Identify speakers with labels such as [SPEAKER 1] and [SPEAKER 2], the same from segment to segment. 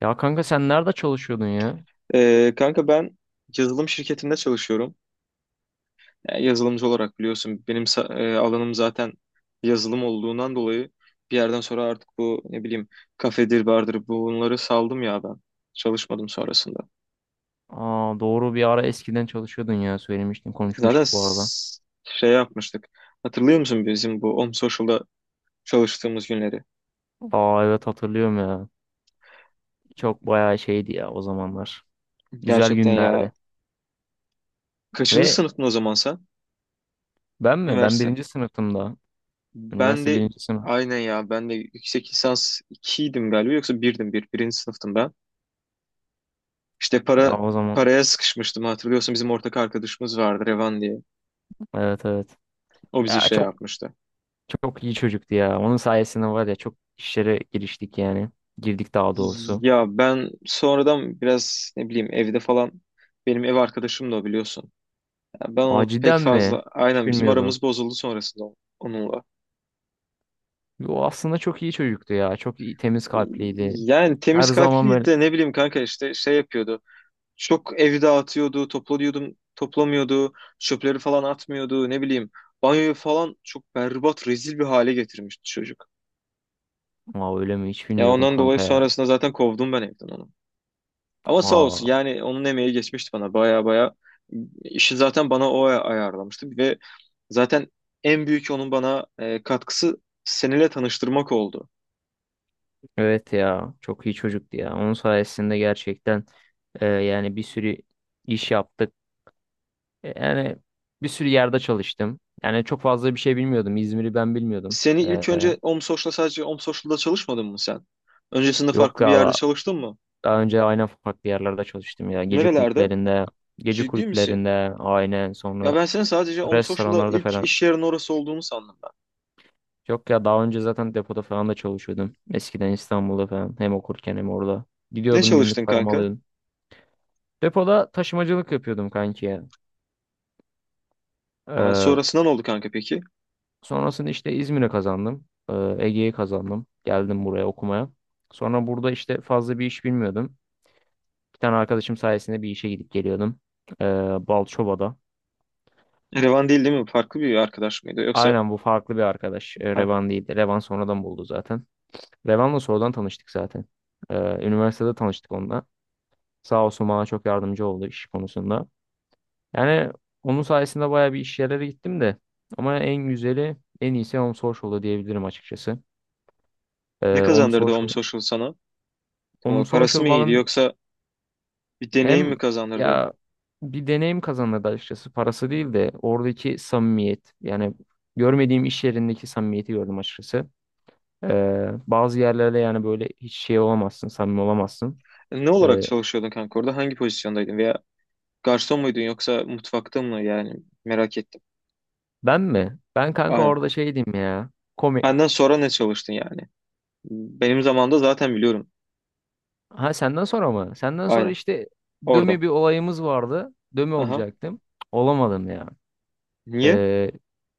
[SPEAKER 1] Ya kanka sen nerede çalışıyordun ya?
[SPEAKER 2] Kanka ben yazılım şirketinde çalışıyorum. Yani yazılımcı olarak biliyorsun benim alanım zaten yazılım olduğundan dolayı bir yerden sonra artık bu ne bileyim kafedir bardır bunları saldım ya ben. Çalışmadım sonrasında.
[SPEAKER 1] Aa, doğru, bir ara eskiden çalışıyordun ya, söylemiştin,
[SPEAKER 2] Zaten
[SPEAKER 1] konuşmuştuk bu arada.
[SPEAKER 2] şey yapmıştık. Hatırlıyor musun bizim bu Om Social'da çalıştığımız günleri?
[SPEAKER 1] Aa, evet hatırlıyorum ya. Çok bayağı şeydi ya o zamanlar. Güzel
[SPEAKER 2] Gerçekten ya.
[SPEAKER 1] günlerdi.
[SPEAKER 2] Kaçıncı
[SPEAKER 1] Ve
[SPEAKER 2] sınıftın o zaman sen?
[SPEAKER 1] ben mi? Ben
[SPEAKER 2] Üniversite.
[SPEAKER 1] birinci sınıftım da.
[SPEAKER 2] Ben
[SPEAKER 1] Üniversite
[SPEAKER 2] de
[SPEAKER 1] birinci sınıf.
[SPEAKER 2] aynen ya ben de yüksek lisans 2'ydim galiba yoksa birdim bir Birinci sınıftım ben. İşte
[SPEAKER 1] Ya
[SPEAKER 2] para
[SPEAKER 1] o zaman
[SPEAKER 2] paraya sıkışmıştım, hatırlıyorsun bizim ortak arkadaşımız vardı Revan diye.
[SPEAKER 1] evet, evet.
[SPEAKER 2] O bizi
[SPEAKER 1] Ya
[SPEAKER 2] şey
[SPEAKER 1] çok,
[SPEAKER 2] yapmıştı.
[SPEAKER 1] çok iyi çocuktu ya. Onun sayesinde var ya, çok işlere giriştik yani. Girdik daha doğrusu.
[SPEAKER 2] Ya ben sonradan biraz ne bileyim evde falan, benim ev arkadaşım da o biliyorsun. Ya ben
[SPEAKER 1] Aa
[SPEAKER 2] onu pek
[SPEAKER 1] cidden
[SPEAKER 2] fazla
[SPEAKER 1] mi? Hiç
[SPEAKER 2] aynen bizim
[SPEAKER 1] bilmiyordum.
[SPEAKER 2] aramız bozuldu sonrasında onunla.
[SPEAKER 1] O aslında çok iyi çocuktu ya. Çok iyi, temiz kalpliydi.
[SPEAKER 2] Yani
[SPEAKER 1] Her
[SPEAKER 2] temiz
[SPEAKER 1] zaman
[SPEAKER 2] kalpliydi
[SPEAKER 1] böyle.
[SPEAKER 2] de ne bileyim kanka işte şey yapıyordu. Çok evi dağıtıyordu, toplanıyordum, toplamıyordu, çöpleri falan atmıyordu ne bileyim. Banyoyu falan çok berbat, rezil bir hale getirmişti çocuk.
[SPEAKER 1] Aa, öyle mi? Hiç
[SPEAKER 2] Ya
[SPEAKER 1] bilmiyordum
[SPEAKER 2] ondan dolayı
[SPEAKER 1] kanka ya.
[SPEAKER 2] sonrasında zaten kovdum ben evden onu. Ama sağ
[SPEAKER 1] Aa,
[SPEAKER 2] olsun yani onun emeği geçmişti bana baya baya. İşi zaten bana o ayarlamıştı, ve zaten en büyük onun bana katkısı seninle tanıştırmak oldu.
[SPEAKER 1] evet ya. Çok iyi çocuktu ya. Onun sayesinde gerçekten yani bir sürü iş yaptık. Yani bir sürü yerde çalıştım. Yani çok fazla bir şey bilmiyordum. İzmir'i ben bilmiyordum.
[SPEAKER 2] Seni ilk
[SPEAKER 1] E,
[SPEAKER 2] önce OMSOŞ'la, sadece OMSOŞ'la çalışmadın mı sen? Öncesinde
[SPEAKER 1] yok
[SPEAKER 2] farklı bir
[SPEAKER 1] ya
[SPEAKER 2] yerde
[SPEAKER 1] da-
[SPEAKER 2] çalıştın mı?
[SPEAKER 1] Daha önce aynen farklı yerlerde çalıştım ya. Gece
[SPEAKER 2] Nerelerde?
[SPEAKER 1] kulüplerinde, gece
[SPEAKER 2] Ciddi misin?
[SPEAKER 1] kulüplerinde aynen,
[SPEAKER 2] Ya
[SPEAKER 1] sonra
[SPEAKER 2] ben senin sadece OMSOŞ'la
[SPEAKER 1] restoranlarda
[SPEAKER 2] ilk
[SPEAKER 1] falan.
[SPEAKER 2] iş yerin orası olduğunu sandım ben.
[SPEAKER 1] Yok ya, daha önce zaten depoda falan da çalışıyordum. Eskiden İstanbul'da falan, hem okurken hem orada.
[SPEAKER 2] Ne
[SPEAKER 1] Gidiyordum, günlük
[SPEAKER 2] çalıştın
[SPEAKER 1] paramı
[SPEAKER 2] kanka?
[SPEAKER 1] alıyordum. Depoda taşımacılık yapıyordum kanki ya.
[SPEAKER 2] Ha,
[SPEAKER 1] Ee,
[SPEAKER 2] sonrasında ne oldu kanka peki?
[SPEAKER 1] Sonrasında işte İzmir'e kazandım. Ege'ye kazandım. Geldim buraya okumaya. Sonra burada işte fazla bir iş bilmiyordum. Bir tane arkadaşım sayesinde bir işe gidip geliyordum. Ee, Balçova'da.
[SPEAKER 2] Revan değil, değil mi? Farklı bir arkadaş mıydı? Yoksa
[SPEAKER 1] Aynen, bu farklı bir arkadaş.
[SPEAKER 2] ha.
[SPEAKER 1] Revan değildi. Revan sonradan buldu zaten. Revan'la sonradan tanıştık zaten. Ee, Üniversitede tanıştık onunla. Sağ olsun, bana çok yardımcı oldu iş konusunda. Yani onun sayesinde bayağı bir iş yerlere gittim de. Ama en güzeli, en iyisi Om Social'da diyebilirim açıkçası.
[SPEAKER 2] Ne
[SPEAKER 1] Om
[SPEAKER 2] kazandırdı Om
[SPEAKER 1] Social,
[SPEAKER 2] Social sana?
[SPEAKER 1] Om
[SPEAKER 2] Ama parası
[SPEAKER 1] Social
[SPEAKER 2] mı iyiydi
[SPEAKER 1] bana
[SPEAKER 2] yoksa bir deneyim
[SPEAKER 1] hem
[SPEAKER 2] mi kazandırdı?
[SPEAKER 1] ya bir deneyim kazandırdı açıkçası. Parası değil de oradaki samimiyet. Yani görmediğim iş yerindeki samimiyeti gördüm açıkçası. Bazı yerlerde yani böyle hiç şey olamazsın, samimi olamazsın.
[SPEAKER 2] Ne olarak
[SPEAKER 1] Ee,
[SPEAKER 2] çalışıyordun kanka orada? Hangi pozisyondaydın? Veya garson muydun yoksa mutfakta mı? Yani merak ettim.
[SPEAKER 1] Ben mi? Ben kanka
[SPEAKER 2] Aynen.
[SPEAKER 1] orada şey diyeyim ya. Komik.
[SPEAKER 2] Benden sonra ne çalıştın yani? Benim zamanımda zaten biliyorum.
[SPEAKER 1] Ha, senden sonra mı? Senden sonra
[SPEAKER 2] Aynen.
[SPEAKER 1] işte
[SPEAKER 2] Orada.
[SPEAKER 1] dömi bir olayımız vardı. Dömi
[SPEAKER 2] Aha.
[SPEAKER 1] olacaktım. Olamadım ya.
[SPEAKER 2] Niye?
[SPEAKER 1] Ee,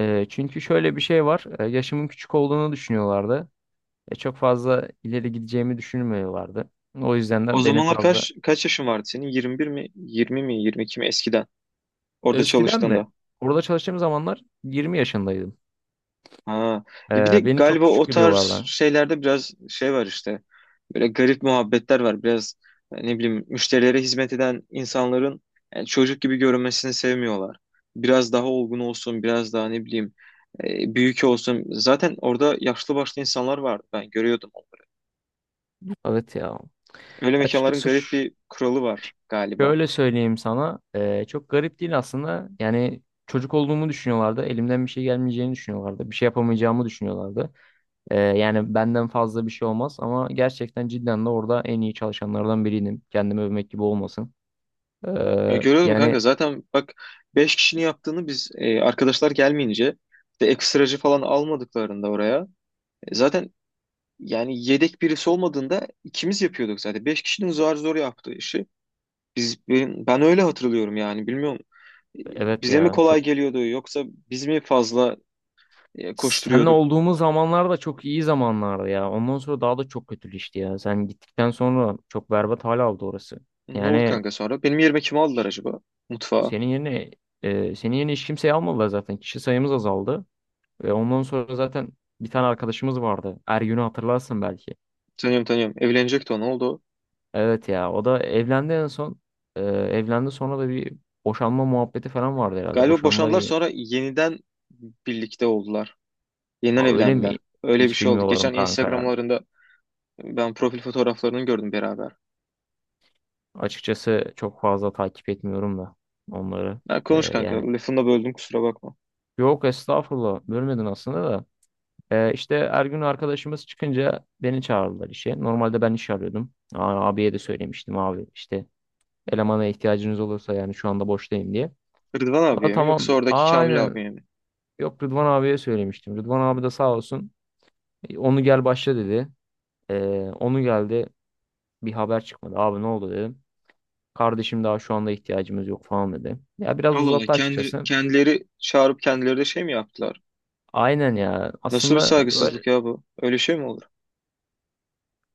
[SPEAKER 1] Çünkü şöyle bir şey var. Yaşımın küçük olduğunu düşünüyorlardı. Çok fazla ileri gideceğimi düşünmüyorlardı. O yüzden
[SPEAKER 2] O
[SPEAKER 1] de beni
[SPEAKER 2] zamanlar
[SPEAKER 1] fazla...
[SPEAKER 2] kaç yaşın vardı senin? 21 mi? 20 mi? 22 mi? Eskiden. Orada
[SPEAKER 1] Eskiden mi?
[SPEAKER 2] çalıştığında.
[SPEAKER 1] Orada çalıştığım zamanlar 20 yaşındaydım.
[SPEAKER 2] Ha. Ya bir de
[SPEAKER 1] Beni çok
[SPEAKER 2] galiba
[SPEAKER 1] küçük
[SPEAKER 2] o tarz
[SPEAKER 1] görüyorlardı.
[SPEAKER 2] şeylerde biraz şey var işte. Böyle garip muhabbetler var. Biraz ne bileyim müşterilere hizmet eden insanların çocuk gibi görünmesini sevmiyorlar. Biraz daha olgun olsun, biraz daha ne bileyim büyük olsun. Zaten orada yaşlı başlı insanlar vardı. Ben görüyordum onları.
[SPEAKER 1] Evet ya.
[SPEAKER 2] Öyle mekanların
[SPEAKER 1] Açıkçası
[SPEAKER 2] garip bir kuralı var galiba.
[SPEAKER 1] şöyle söyleyeyim sana, çok garip değil aslında. Yani çocuk olduğumu düşünüyorlardı. Elimden bir şey gelmeyeceğini düşünüyorlardı. Bir şey yapamayacağımı düşünüyorlardı. Yani benden fazla bir şey olmaz ama gerçekten cidden de orada en iyi çalışanlardan biriydim. Kendimi övmek gibi olmasın.
[SPEAKER 2] Ya
[SPEAKER 1] Eee,
[SPEAKER 2] görüyordum
[SPEAKER 1] yani
[SPEAKER 2] kanka zaten bak, 5 kişinin yaptığını biz arkadaşlar gelmeyince, bir de ekstracı falan almadıklarında oraya, zaten yani yedek birisi olmadığında ikimiz yapıyorduk zaten. Beş kişinin zor zor yaptığı işi. Biz, ben öyle hatırlıyorum yani bilmiyorum.
[SPEAKER 1] evet
[SPEAKER 2] Bize mi
[SPEAKER 1] ya,
[SPEAKER 2] kolay
[SPEAKER 1] çok
[SPEAKER 2] geliyordu yoksa biz mi fazla
[SPEAKER 1] seninle
[SPEAKER 2] koşturuyorduk?
[SPEAKER 1] olduğumuz zamanlar da çok iyi zamanlardı ya. Ondan sonra daha da çok kötüleşti ya. Sen gittikten sonra çok berbat hal aldı orası.
[SPEAKER 2] Ne oldu
[SPEAKER 1] Yani
[SPEAKER 2] kanka sonra? Benim yerime kimi aldılar
[SPEAKER 1] ş-
[SPEAKER 2] acaba? Mutfağa.
[SPEAKER 1] senin yerine senin yerine hiç kimseyi almadılar zaten. Kişi sayımız azaldı. Ve ondan sonra zaten bir tane arkadaşımız vardı. Ergün'ü hatırlarsın belki.
[SPEAKER 2] Tanıyorum, tanıyorum. Evlenecekti o. Ne oldu o?
[SPEAKER 1] Evet ya, o da evlendi en son. Evlendi, sonra da bir boşanma muhabbeti falan vardı herhalde.
[SPEAKER 2] Galiba
[SPEAKER 1] Boşandılar,
[SPEAKER 2] boşandılar,
[SPEAKER 1] iyi mi?
[SPEAKER 2] sonra yeniden birlikte oldular. Yeniden
[SPEAKER 1] Ha, öyle
[SPEAKER 2] evlendiler.
[SPEAKER 1] mi?
[SPEAKER 2] Öyle bir
[SPEAKER 1] Hiç
[SPEAKER 2] şey oldu.
[SPEAKER 1] bilmiyorum
[SPEAKER 2] Geçen
[SPEAKER 1] kanka ya.
[SPEAKER 2] Instagram'larında ben profil fotoğraflarını gördüm beraber.
[SPEAKER 1] Açıkçası çok fazla takip etmiyorum da onları.
[SPEAKER 2] Ya konuş
[SPEAKER 1] Ee, yani
[SPEAKER 2] kanka. Lafını da böldüm, kusura bakma.
[SPEAKER 1] Yok, estağfurullah, bölmedin aslında da. İşte Ergün arkadaşımız çıkınca beni çağırdılar işe. Normalde ben iş arıyordum. Aa, abiye de söylemiştim, abi işte elemana ihtiyacınız olursa, yani şu anda boştayım diye.
[SPEAKER 2] Rıdvan
[SPEAKER 1] O da
[SPEAKER 2] abiye mi yoksa
[SPEAKER 1] tamam.
[SPEAKER 2] oradaki Kamil
[SPEAKER 1] Aynen.
[SPEAKER 2] abiye mi?
[SPEAKER 1] Yok, Rıdvan abiye söylemiştim. Rıdvan abi de sağ olsun. Onu gel başla" dedi. Ee, Onu geldi. Bir haber çıkmadı. "Abi ne oldu?" dedim. "Kardeşim daha şu anda ihtiyacımız yok" falan dedi. Ya biraz
[SPEAKER 2] Allah Allah,
[SPEAKER 1] uzattı
[SPEAKER 2] kendi,
[SPEAKER 1] açıkçası.
[SPEAKER 2] kendileri çağırıp kendileri de şey mi yaptılar?
[SPEAKER 1] Aynen ya.
[SPEAKER 2] Nasıl bir
[SPEAKER 1] Aslında öyle
[SPEAKER 2] saygısızlık ya bu? Öyle şey mi olur?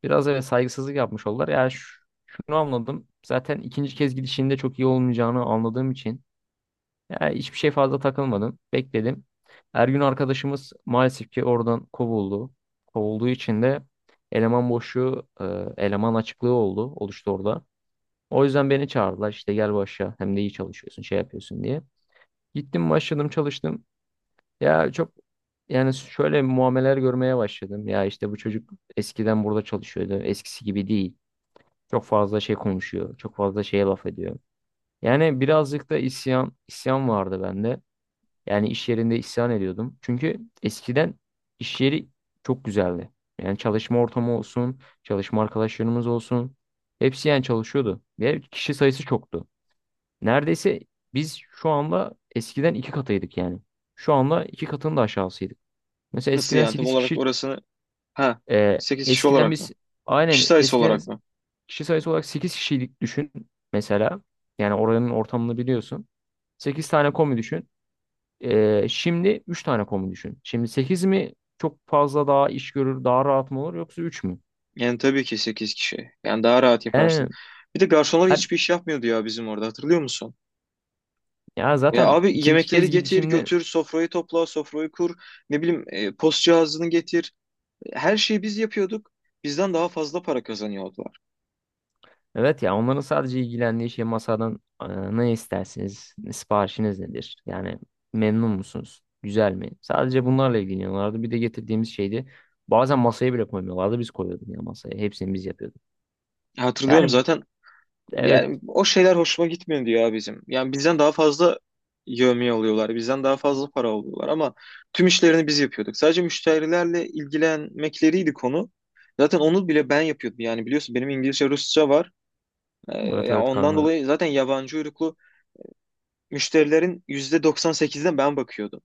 [SPEAKER 1] biraz, evet, saygısızlık yapmış oldular. Şunu anladım. Zaten ikinci kez gidişinde çok iyi olmayacağını anladığım için. Ya hiçbir şey fazla takılmadım. Bekledim. Ergün arkadaşımız maalesef ki oradan kovuldu. Kovulduğu için de eleman boşluğu, e, eleman açıklığı oluştu orada. O yüzden beni çağırdılar. İşte gel başla. Hem de iyi çalışıyorsun, şey yapıyorsun diye. Gittim, başladım, çalıştım. Ya çok, yani şöyle muameleler görmeye başladım. Ya işte bu çocuk eskiden burada çalışıyordu. Eskisi gibi değil. Çok fazla şey konuşuyor. Çok fazla şeye laf ediyor. Yani birazcık da isyan vardı bende. Yani iş yerinde isyan ediyordum. Çünkü eskiden iş yeri çok güzeldi. Yani çalışma ortamı olsun, çalışma arkadaşlarımız olsun. Hepsi yani çalışıyordu. Ve kişi sayısı çoktu. Neredeyse biz şu anda eskiden 2 katıydık yani. Şu anda 2 katının da aşağısıydık. Mesela
[SPEAKER 2] Nasıl
[SPEAKER 1] eskiden
[SPEAKER 2] yani, tam
[SPEAKER 1] 8
[SPEAKER 2] olarak
[SPEAKER 1] kişi,
[SPEAKER 2] orasını? Ha,
[SPEAKER 1] e,
[SPEAKER 2] 8 kişi
[SPEAKER 1] eskiden
[SPEAKER 2] olarak
[SPEAKER 1] biz
[SPEAKER 2] mı? Kişi
[SPEAKER 1] aynen
[SPEAKER 2] sayısı
[SPEAKER 1] eskiden
[SPEAKER 2] olarak mı?
[SPEAKER 1] kişi sayısı olarak 8 kişiydik, düşün mesela. Yani oranın ortamını biliyorsun. 8 tane komi düşün. Şimdi 3 tane komu düşün. Şimdi 8 mi çok fazla daha iş görür, daha rahat mı olur yoksa 3 mü?
[SPEAKER 2] Yani tabii ki 8 kişi. Yani daha rahat yaparsın.
[SPEAKER 1] Yani
[SPEAKER 2] Bir de garsonlar
[SPEAKER 1] ben-
[SPEAKER 2] hiçbir iş yapmıyordu ya bizim orada, hatırlıyor musun?
[SPEAKER 1] Ya
[SPEAKER 2] Ya
[SPEAKER 1] zaten
[SPEAKER 2] abi
[SPEAKER 1] ikinci
[SPEAKER 2] yemekleri
[SPEAKER 1] kez
[SPEAKER 2] getir,
[SPEAKER 1] gidişimde
[SPEAKER 2] götür, sofrayı topla, sofrayı kur, ne bileyim post cihazını getir. Her şeyi biz yapıyorduk. Bizden daha fazla para kazanıyordular.
[SPEAKER 1] evet ya, onların sadece ilgilendiği şey masadan ne istersiniz, siparişiniz nedir? Yani memnun musunuz? Güzel mi? Sadece bunlarla ilgileniyorlardı. Bir de getirdiğimiz şeydi. Bazen masaya bile koymuyorlardı. Biz koyuyorduk ya masaya. Hepsini biz yapıyorduk.
[SPEAKER 2] Hatırlıyorum
[SPEAKER 1] Yani
[SPEAKER 2] zaten.
[SPEAKER 1] evet.
[SPEAKER 2] Yani o şeyler hoşuma gitmiyor diyor ya bizim. Yani bizden daha fazla yevmiye alıyorlar. Bizden daha fazla para alıyorlar ama tüm işlerini biz yapıyorduk. Sadece müşterilerle ilgilenmekleriydi konu. Zaten onu bile ben yapıyordum. Yani biliyorsun benim İngilizce, Rusça var.
[SPEAKER 1] Evet
[SPEAKER 2] Yani
[SPEAKER 1] evet
[SPEAKER 2] ondan
[SPEAKER 1] kanka.
[SPEAKER 2] dolayı zaten yabancı uyruklu müşterilerin %98'ine ben bakıyordum.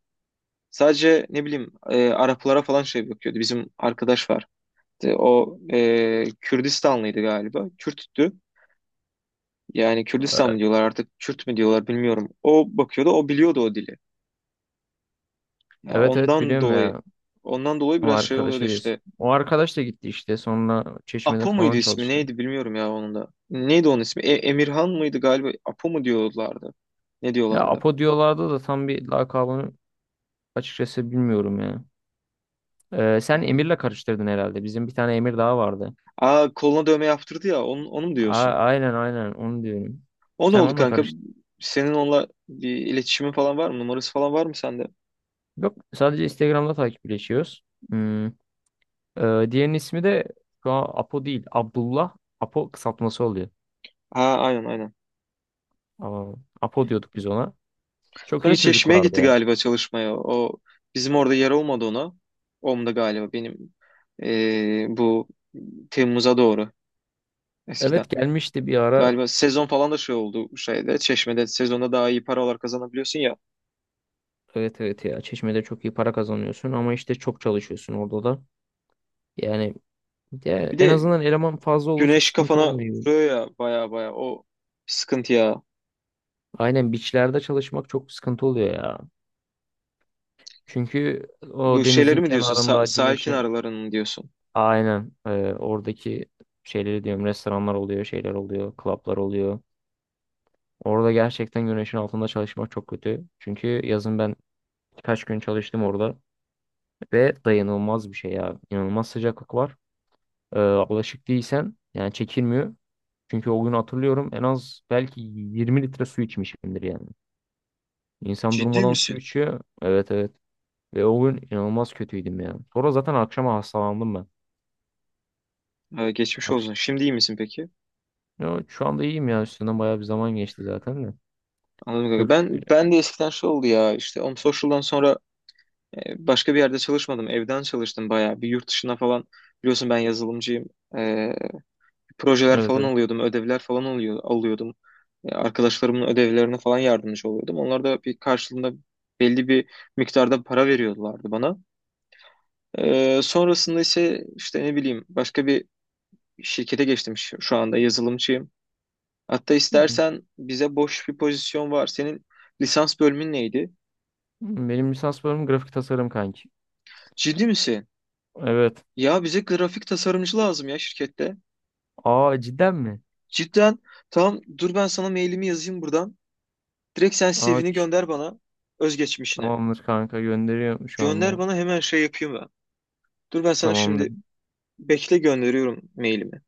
[SPEAKER 2] Sadece ne bileyim Araplara falan şey bakıyordu. Bizim arkadaş var. İşte o Kürdistanlıydı galiba. Kürttü. Yani Kürdistan
[SPEAKER 1] Ee,
[SPEAKER 2] mı diyorlar artık, Kürt mü diyorlar bilmiyorum. O bakıyordu, o biliyordu o dili. Ya
[SPEAKER 1] Evet evet
[SPEAKER 2] ondan
[SPEAKER 1] biliyorum
[SPEAKER 2] dolayı
[SPEAKER 1] ya.
[SPEAKER 2] ondan dolayı
[SPEAKER 1] O
[SPEAKER 2] biraz şey oluyordu
[SPEAKER 1] arkadaşa diyorsun.
[SPEAKER 2] işte.
[SPEAKER 1] O arkadaş da gitti işte. Sonra Çeşme'de
[SPEAKER 2] Apo muydu
[SPEAKER 1] falan
[SPEAKER 2] ismi,
[SPEAKER 1] çalıştı.
[SPEAKER 2] neydi bilmiyorum ya onun da. Neydi onun ismi? Emirhan mıydı galiba? Apo mu diyorlardı? Ne
[SPEAKER 1] Ya
[SPEAKER 2] diyorlardı?
[SPEAKER 1] Apo diyorlardı da tam bir lakabını açıkçası bilmiyorum ya. Sen
[SPEAKER 2] Hı.
[SPEAKER 1] Emir'le karıştırdın herhalde. Bizim bir tane Emir daha vardı.
[SPEAKER 2] Aa, koluna dövme yaptırdı ya, onu mu
[SPEAKER 1] A
[SPEAKER 2] diyorsun?
[SPEAKER 1] aynen, aynen, onu diyorum.
[SPEAKER 2] O ne
[SPEAKER 1] Sen
[SPEAKER 2] oldu
[SPEAKER 1] onunla
[SPEAKER 2] kanka?
[SPEAKER 1] karıştırdın.
[SPEAKER 2] Senin onunla bir iletişimin falan var mı? Numarası falan var mı sende?
[SPEAKER 1] Yok, sadece Instagram'da takipleşiyoruz. Hmm. Diğerinin ismi de şu an Apo değil. Abdullah. Apo kısaltması oluyor.
[SPEAKER 2] Ha, aynen aynen.
[SPEAKER 1] Aa, Apo diyorduk biz ona. Çok
[SPEAKER 2] Sonra
[SPEAKER 1] iyi
[SPEAKER 2] Çeşme'ye
[SPEAKER 1] çocuklardı
[SPEAKER 2] gitti
[SPEAKER 1] ya.
[SPEAKER 2] galiba çalışmaya. O bizim orada yer olmadı ona. Om'da galiba benim bu Temmuz'a doğru eskiden.
[SPEAKER 1] Evet, gelmişti bir ara.
[SPEAKER 2] Galiba sezon falan da şey oldu, şeyde Çeşme'de sezonda daha iyi paralar kazanabiliyorsun ya.
[SPEAKER 1] Evet, evet ya, Çeşme'de çok iyi para kazanıyorsun ama işte çok çalışıyorsun orada da. Yani, ya
[SPEAKER 2] Bir
[SPEAKER 1] en
[SPEAKER 2] de
[SPEAKER 1] azından eleman fazla olursa
[SPEAKER 2] güneş
[SPEAKER 1] sıkıntı
[SPEAKER 2] kafana
[SPEAKER 1] olmuyor.
[SPEAKER 2] vuruyor ya baya baya, o sıkıntı ya.
[SPEAKER 1] Aynen, beachlerde çalışmak çok sıkıntı oluyor ya. Çünkü o
[SPEAKER 2] Bu
[SPEAKER 1] denizin
[SPEAKER 2] şeyleri mi diyorsun?
[SPEAKER 1] kenarında
[SPEAKER 2] Sahil
[SPEAKER 1] güneşin
[SPEAKER 2] kenarlarını mı diyorsun?
[SPEAKER 1] aynen, oradaki şeyleri diyorum, restoranlar oluyor, şeyler oluyor, klaplar oluyor. Orada gerçekten güneşin altında çalışmak çok kötü. Çünkü yazın ben birkaç gün çalıştım orada ve dayanılmaz bir şey ya. İnanılmaz sıcaklık var. Alışık değilsen yani çekilmiyor. Çünkü o gün hatırlıyorum, en az belki 20 litre su içmişimdir yani. İnsan
[SPEAKER 2] Ciddi
[SPEAKER 1] durmadan su
[SPEAKER 2] misin?
[SPEAKER 1] içiyor. Evet, evet. Ve o gün inanılmaz kötüydüm ya. Sonra zaten akşama hastalandım ben.
[SPEAKER 2] Ha, geçmiş
[SPEAKER 1] Akş
[SPEAKER 2] olsun. Şimdi iyi misin peki?
[SPEAKER 1] Ya şu anda iyiyim ya. Üstünden bayağı bir zaman geçti zaten de.
[SPEAKER 2] Anladım kanka.
[SPEAKER 1] Çok şükür.
[SPEAKER 2] Ben de eskiden şey oldu ya işte Om Social'dan sonra başka bir yerde çalışmadım. Evden çalıştım bayağı. Bir yurt dışına falan, biliyorsun ben yazılımcıyım. E, projeler
[SPEAKER 1] Evet,
[SPEAKER 2] falan
[SPEAKER 1] evet.
[SPEAKER 2] alıyordum. Ödevler falan alıyordum. Arkadaşlarımın ödevlerine falan yardımcı oluyordum. Onlar da bir karşılığında belli bir miktarda para veriyorlardı bana. Sonrasında ise işte ne bileyim başka bir şirkete geçtim, şu anda yazılımcıyım. Hatta
[SPEAKER 1] Hı hı.
[SPEAKER 2] istersen bize boş bir pozisyon var. Senin lisans bölümün neydi?
[SPEAKER 1] Benim lisans bölümüm grafik tasarım kanki.
[SPEAKER 2] Ciddi misin?
[SPEAKER 1] Evet.
[SPEAKER 2] Ya bize grafik tasarımcı lazım ya şirkette.
[SPEAKER 1] Aa cidden mi?
[SPEAKER 2] Cidden. Tamam, dur ben sana mailimi yazayım buradan. Direkt sen
[SPEAKER 1] Aa
[SPEAKER 2] CV'ni
[SPEAKER 1] ç-
[SPEAKER 2] gönder bana, özgeçmişini.
[SPEAKER 1] Tamamdır kanka, gönderiyorum şu
[SPEAKER 2] Gönder
[SPEAKER 1] anda.
[SPEAKER 2] bana hemen, şey yapayım ben. Dur ben sana şimdi,
[SPEAKER 1] Tamamdır.
[SPEAKER 2] bekle, gönderiyorum mailimi.